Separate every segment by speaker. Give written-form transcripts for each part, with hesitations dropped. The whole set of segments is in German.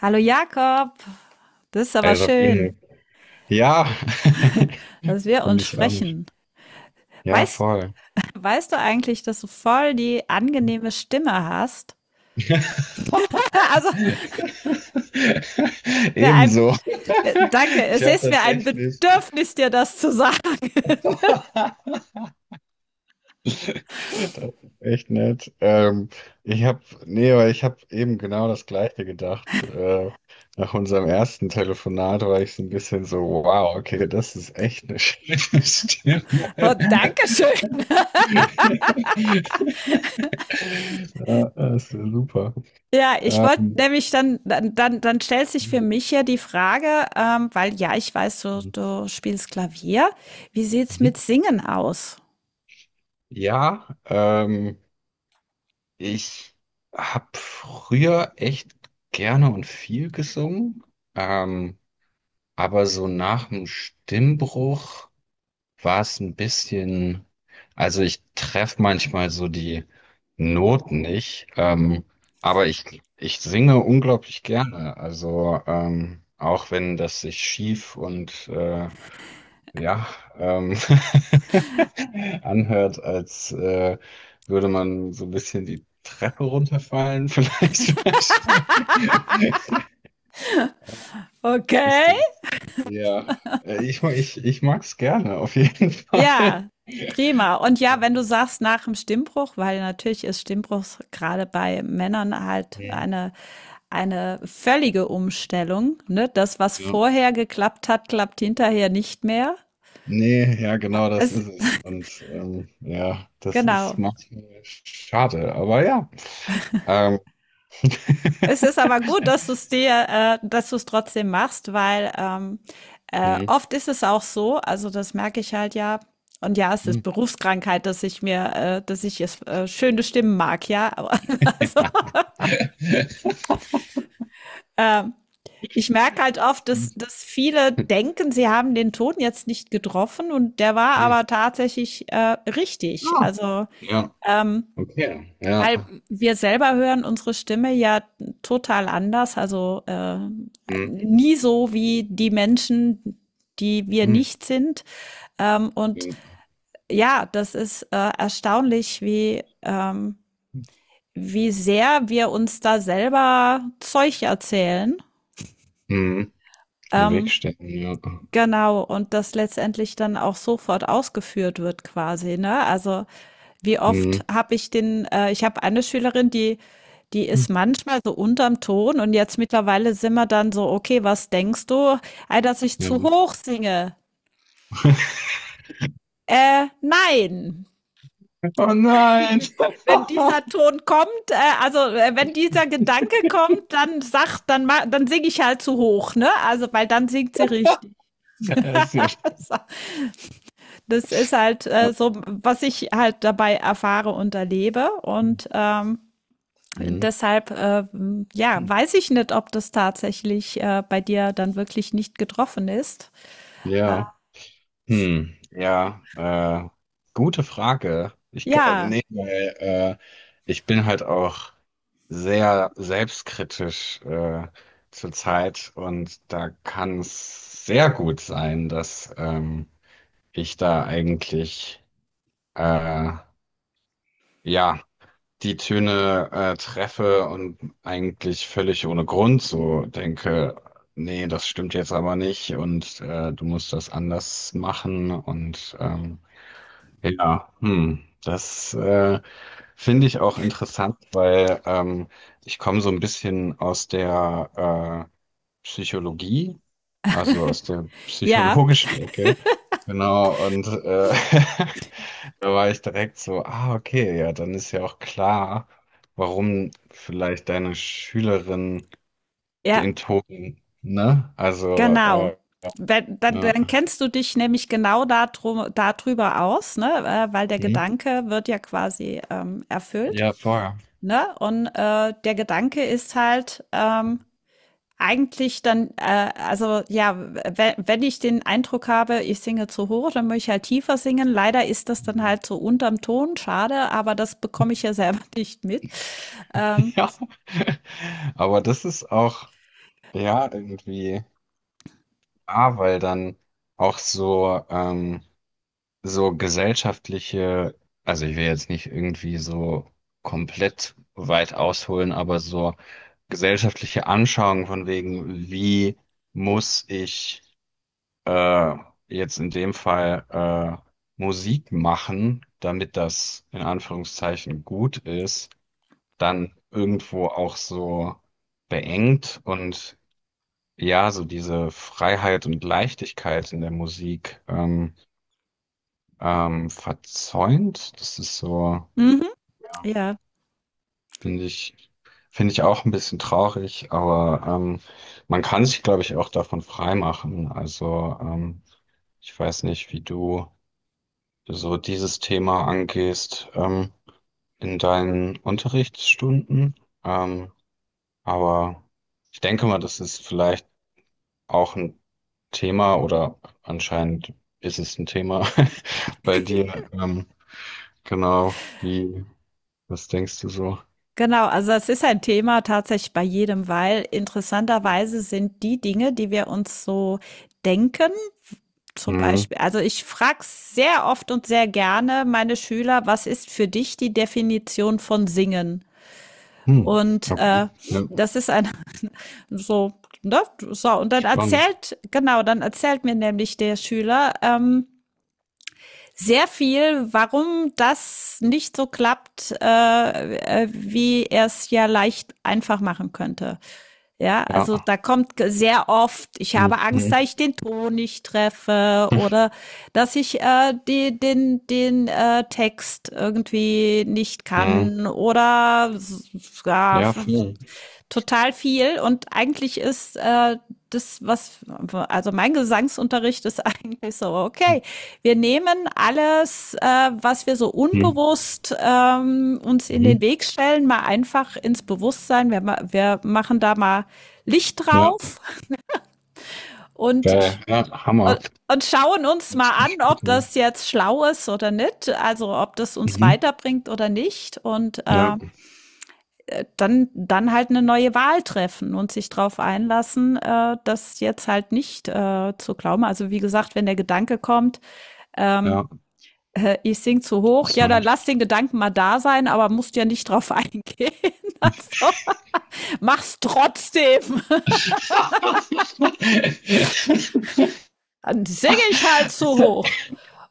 Speaker 1: Hallo Jakob, das ist aber
Speaker 2: Hi
Speaker 1: schön,
Speaker 2: Sabine. Ja,
Speaker 1: dass wir
Speaker 2: finde
Speaker 1: uns
Speaker 2: ich auch. Nicht.
Speaker 1: sprechen.
Speaker 2: Ja,
Speaker 1: Weißt,
Speaker 2: voll.
Speaker 1: weißt du eigentlich, dass du voll die angenehme Stimme hast? Also, mir ein,
Speaker 2: Ebenso.
Speaker 1: danke,
Speaker 2: Ich
Speaker 1: es
Speaker 2: habe
Speaker 1: ist mir ein
Speaker 2: tatsächlich.
Speaker 1: Bedürfnis, dir das zu sagen.
Speaker 2: Das ist echt nett. Ich habe, nee, weil ich habe eben genau das Gleiche gedacht. Nach unserem ersten Telefonat war ich so ein bisschen so, wow, okay, das ist echt eine schöne Stimme.
Speaker 1: Und Dankeschön.
Speaker 2: Ja, das wäre super.
Speaker 1: Ja, ich wollte
Speaker 2: Ähm,
Speaker 1: nämlich dann stellt sich
Speaker 2: mhm.
Speaker 1: für mich ja die Frage, weil ja, ich weiß, du spielst Klavier. Wie sieht's mit Singen aus?
Speaker 2: Ja, ich habe früher echt gerne und viel gesungen, ähm, aber so nach dem Stimmbruch war es ein bisschen, also ich treffe manchmal so die Noten nicht, aber ich singe unglaublich gerne, also auch wenn das sich schief und ja, ähm, anhört, als würde man so ein bisschen die Treppe runterfallen, vielleicht. Manchmal. Ist
Speaker 1: Okay.
Speaker 2: das, ja, ich mag es gerne, auf jeden Fall.
Speaker 1: Ja, prima. Und ja, wenn du sagst nach dem Stimmbruch, weil natürlich ist Stimmbruch gerade bei Männern halt
Speaker 2: Mhm.
Speaker 1: eine völlige Umstellung, ne? Das, was
Speaker 2: Ja.
Speaker 1: vorher geklappt hat, klappt hinterher nicht mehr.
Speaker 2: Nee, ja, genau das
Speaker 1: Es,
Speaker 2: ist es. Und ja, das ist
Speaker 1: genau.
Speaker 2: manchmal schade, aber ja. Ähm,
Speaker 1: Es ist aber gut, dass du es dir, dass du es trotzdem machst, weil
Speaker 2: hm.
Speaker 1: oft ist es auch so, also das merke ich halt ja, und ja, es
Speaker 2: Hm.
Speaker 1: ist Berufskrankheit, dass ich mir, dass ich es schöne Stimmen mag, ja, aber also, ähm, ich merke halt oft, dass viele denken, sie haben den Ton jetzt nicht getroffen und der war
Speaker 2: Hm.
Speaker 1: aber tatsächlich richtig.
Speaker 2: Ja.
Speaker 1: Also,
Speaker 2: Ja,
Speaker 1: ähm,
Speaker 2: okay, ja.
Speaker 1: weil wir selber hören unsere Stimme ja total anders, also
Speaker 2: Mhm.
Speaker 1: nie so wie die Menschen, die wir
Speaker 2: Mhm.
Speaker 1: nicht sind. Und
Speaker 2: Ja.
Speaker 1: ja, das ist erstaunlich, wie wie sehr wir uns da selber Zeug erzählen.
Speaker 2: Mhm. Im Weg
Speaker 1: Ähm,
Speaker 2: stehen, ja.
Speaker 1: Genau, und das letztendlich dann auch sofort ausgeführt wird quasi, ne? Also, wie oft
Speaker 2: Mhm.
Speaker 1: habe ich den ich habe eine Schülerin, die ist manchmal so unterm Ton und jetzt mittlerweile sind wir dann so: „Okay, was denkst du? Ah, dass ich
Speaker 2: Ja.
Speaker 1: zu hoch singe. Nein.
Speaker 2: Oh nein!
Speaker 1: Wenn dieser Ton kommt, also, wenn dieser Gedanke kommt, dann sagt dann ma dann singe ich halt zu hoch, ne? Also, weil dann singt sie richtig.
Speaker 2: Ja, sehr stark.
Speaker 1: Das ist halt so, was ich halt dabei erfahre und erlebe. Und
Speaker 2: Mhm.
Speaker 1: deshalb, ja, weiß ich nicht, ob das tatsächlich bei dir dann wirklich nicht getroffen ist. Ja,
Speaker 2: Ja. Hm. Ja, gute Frage.
Speaker 1: ja,
Speaker 2: Nee, weil, ich bin halt auch sehr selbstkritisch zur Zeit und da kann es sehr gut sein, dass ich da eigentlich äh, ja die Töne treffe und eigentlich völlig ohne Grund so denke, nee, das stimmt jetzt aber nicht und du musst das anders machen und ja, hm, das finde ich auch interessant, weil ich komme so ein bisschen aus der Psychologie. Also aus der
Speaker 1: ja,
Speaker 2: psychologischen Ecke. Genau, und da war ich direkt so, ah, okay, ja, dann ist ja auch klar, warum vielleicht deine Schülerin
Speaker 1: ja,
Speaker 2: den Ton, ne? Also,
Speaker 1: genau. Wenn, dann,
Speaker 2: ja,
Speaker 1: dann kennst du dich nämlich genau darüber aus, ne? Weil der
Speaker 2: hm?
Speaker 1: Gedanke wird ja quasi erfüllt.
Speaker 2: Ja, vorher.
Speaker 1: Ne? Und der Gedanke ist halt, eigentlich dann, also ja, wenn ich den Eindruck habe, ich singe zu hoch, dann möchte ich halt tiefer singen. Leider ist das dann
Speaker 2: Hm.
Speaker 1: halt so unterm Ton, schade, aber das bekomme ich ja selber nicht mit. Ähm,
Speaker 2: Ja, aber das ist auch, ja, irgendwie, ah, weil dann auch so, so gesellschaftliche, also ich will jetzt nicht irgendwie so komplett weit ausholen, aber so gesellschaftliche Anschauung von wegen, wie muss ich äh, jetzt in dem Fall Musik machen, damit das in Anführungszeichen gut ist, dann irgendwo auch so beengt und ja, so diese Freiheit und Leichtigkeit in der Musik. Verzäunt, das ist so,
Speaker 1: mhm,
Speaker 2: ja,
Speaker 1: ja,
Speaker 2: finde ich, finde ich auch ein bisschen traurig, aber man kann sich, glaube ich, auch davon freimachen. Also ich weiß nicht, wie du so dieses Thema angehst, in deinen Unterrichtsstunden, ähm, aber ich denke mal, das ist vielleicht auch ein Thema oder anscheinend ist es ein Thema bei dir. Genau, wie, was denkst du so?
Speaker 1: genau. Also es ist ein Thema tatsächlich bei jedem, weil interessanterweise sind die Dinge, die wir uns so denken, zum
Speaker 2: Mhm.
Speaker 1: Beispiel, also ich frage sehr oft und sehr gerne meine Schüler, was ist für dich die Definition von Singen?
Speaker 2: Hm.
Speaker 1: Und
Speaker 2: Okay. Ja.
Speaker 1: das ist ein so, ne? So, und dann
Speaker 2: Spannend.
Speaker 1: erzählt, genau, dann erzählt mir nämlich der Schüler sehr viel, warum das nicht so klappt, wie er es ja leicht einfach machen könnte. Ja,
Speaker 2: Ja.
Speaker 1: also da kommt sehr oft, ich
Speaker 2: Nee.
Speaker 1: habe Angst, dass ich den Ton nicht treffe
Speaker 2: Mhm.
Speaker 1: oder dass ich die, den Text irgendwie nicht
Speaker 2: Mhm.
Speaker 1: kann oder ja,
Speaker 2: Ja, voll.
Speaker 1: total viel und eigentlich ist das, was, also mein Gesangsunterricht ist eigentlich so, okay, wir nehmen alles, was wir so
Speaker 2: Mhm.
Speaker 1: unbewusst uns in den
Speaker 2: Mhm.
Speaker 1: Weg stellen, mal einfach ins Bewusstsein. Wir machen da mal Licht
Speaker 2: Ja.
Speaker 1: drauf und
Speaker 2: Geil. Ja, Hammer.
Speaker 1: schauen uns
Speaker 2: Hört
Speaker 1: mal
Speaker 2: sich
Speaker 1: an,
Speaker 2: echt gut
Speaker 1: ob
Speaker 2: an.
Speaker 1: das jetzt schlau ist oder nicht, also ob das uns
Speaker 2: Mhm.
Speaker 1: weiterbringt oder nicht. Und
Speaker 2: Ja.
Speaker 1: dann halt eine neue Wahl treffen und sich darauf einlassen, das jetzt halt nicht zu glauben. Also wie gesagt, wenn der Gedanke kommt, ähm,
Speaker 2: Ja.
Speaker 1: ich sing zu hoch, ja, dann
Speaker 2: Interessant.
Speaker 1: lass den Gedanken mal da sein, aber musst ja nicht drauf eingehen. Also, mach's trotzdem. Dann singe ich halt zu hoch.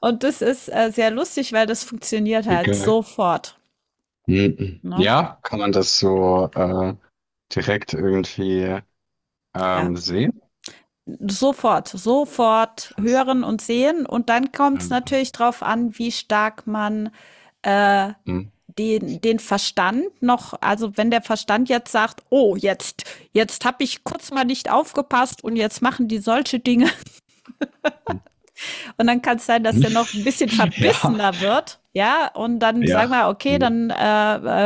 Speaker 1: Und das ist sehr lustig, weil das funktioniert halt
Speaker 2: Okay.
Speaker 1: sofort.
Speaker 2: Mhm.
Speaker 1: Ne?
Speaker 2: Ja, kann man das so direkt irgendwie
Speaker 1: Ja
Speaker 2: sehen?
Speaker 1: sofort
Speaker 2: Krass.
Speaker 1: hören und sehen. Und dann kommt es
Speaker 2: Ähm,
Speaker 1: natürlich darauf an, wie stark man
Speaker 2: mhm.
Speaker 1: den Verstand noch, also wenn der Verstand jetzt sagt, oh, jetzt habe ich kurz mal nicht aufgepasst und jetzt machen die solche Dinge und dann kann es sein, dass der noch ein bisschen
Speaker 2: Ja,
Speaker 1: verbissener wird. Ja, und dann sagen
Speaker 2: ja.
Speaker 1: wir, okay, dann äh,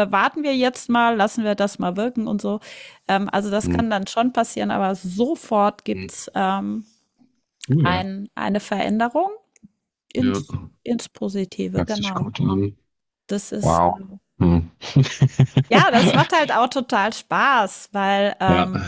Speaker 1: äh, warten wir jetzt mal, lassen wir das mal wirken und so. Also das
Speaker 2: Mhm.
Speaker 1: kann dann schon passieren, aber sofort
Speaker 2: Mhm.
Speaker 1: gibt's
Speaker 2: Cool.
Speaker 1: eine Veränderung
Speaker 2: Ja.
Speaker 1: ins Positive,
Speaker 2: Hört sich
Speaker 1: genau.
Speaker 2: gut an.
Speaker 1: Das ist
Speaker 2: Wow. Hm.
Speaker 1: ja, das macht halt auch total Spaß, weil
Speaker 2: Ja,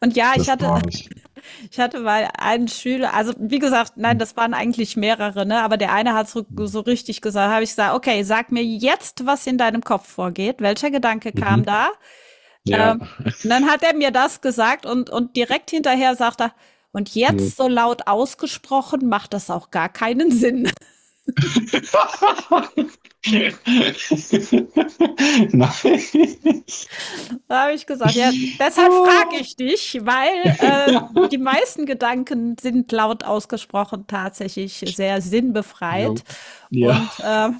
Speaker 1: und ja, ich
Speaker 2: das
Speaker 1: hatte
Speaker 2: glaube ich.
Speaker 1: ich hatte mal einen Schüler, also wie gesagt, nein,
Speaker 2: Hm.
Speaker 1: das waren eigentlich mehrere, ne, aber der eine hat so richtig gesagt, habe ich gesagt, okay, sag mir jetzt, was in deinem Kopf vorgeht, welcher Gedanke kam da?
Speaker 2: Mhm. Ja.
Speaker 1: Ähm, und dann hat er mir das gesagt und direkt hinterher sagt er, und
Speaker 2: Hm.
Speaker 1: jetzt so laut ausgesprochen macht das auch gar keinen Sinn.
Speaker 2: Nein.
Speaker 1: Da habe ich gesagt, ja, deshalb frage
Speaker 2: Oh.
Speaker 1: ich dich, weil
Speaker 2: Ja.
Speaker 1: die meisten Gedanken sind laut ausgesprochen tatsächlich sehr
Speaker 2: Jo.
Speaker 1: sinnbefreit.
Speaker 2: Ja,
Speaker 1: Und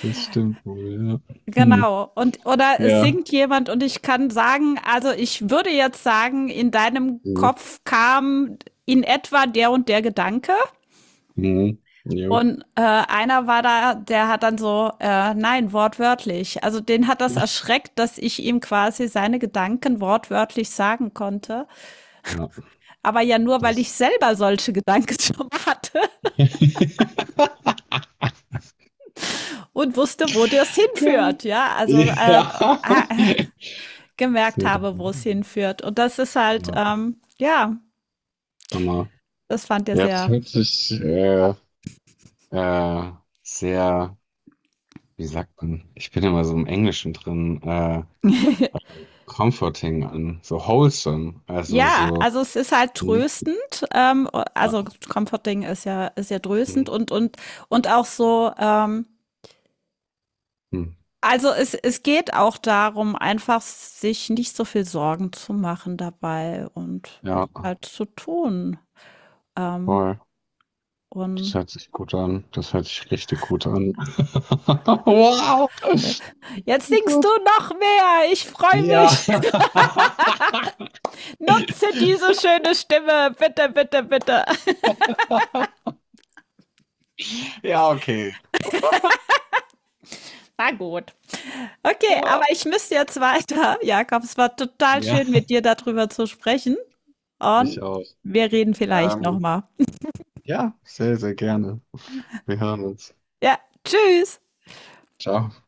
Speaker 2: das stimmt wohl. Ja. Hm.
Speaker 1: genau, und oder es
Speaker 2: Ja.
Speaker 1: singt jemand und ich kann sagen, also ich würde jetzt sagen, in deinem
Speaker 2: Mhm.
Speaker 1: Kopf kam in etwa der und der Gedanke.
Speaker 2: Mhm. Jo.
Speaker 1: Und einer war da, der hat dann so, nein, wortwörtlich. Also den hat das erschreckt, dass ich ihm quasi seine Gedanken wortwörtlich sagen konnte.
Speaker 2: Ja,
Speaker 1: Aber ja nur, weil ich
Speaker 2: das.
Speaker 1: selber solche Gedanken schon hatte und wusste, wo das
Speaker 2: Okay.
Speaker 1: hinführt, ja. Also
Speaker 2: Ja.
Speaker 1: äh, gemerkt
Speaker 2: Sehr
Speaker 1: habe, wo
Speaker 2: interessant.
Speaker 1: es hinführt. Und das ist halt,
Speaker 2: Ja,
Speaker 1: ja,
Speaker 2: Hammer.
Speaker 1: das fand er
Speaker 2: Ja, das
Speaker 1: sehr.
Speaker 2: hört sich äh, sehr, wie sagt man, ich bin immer so im Englischen drin, comforting an, so wholesome, also
Speaker 1: Ja,
Speaker 2: so,
Speaker 1: also es ist halt
Speaker 2: hm,
Speaker 1: tröstend.
Speaker 2: ja,
Speaker 1: Also Comforting ist ja tröstend
Speaker 2: hm,
Speaker 1: und und auch so.
Speaker 2: hm,
Speaker 1: Also es geht auch darum, einfach sich nicht so viel Sorgen zu machen dabei und es
Speaker 2: ja,
Speaker 1: halt zu tun. Ähm,
Speaker 2: voll. Das
Speaker 1: und
Speaker 2: hört sich gut an, das hört sich richtig gut an. Wow!
Speaker 1: jetzt singst
Speaker 2: Gut.
Speaker 1: du noch mehr. Ich freue
Speaker 2: Ja.
Speaker 1: mich. Nutze diese schöne Stimme. Bitte, bitte, bitte.
Speaker 2: Ja, okay.
Speaker 1: Okay, aber
Speaker 2: Ah,
Speaker 1: ich müsste jetzt weiter. Jakob, es war total
Speaker 2: ja,
Speaker 1: schön, mit dir darüber zu sprechen.
Speaker 2: mich
Speaker 1: Und
Speaker 2: auch.
Speaker 1: wir reden vielleicht
Speaker 2: Ähm,
Speaker 1: nochmal.
Speaker 2: ja, sehr, sehr gerne. Wir hören uns.
Speaker 1: Ja, tschüss.
Speaker 2: Ciao.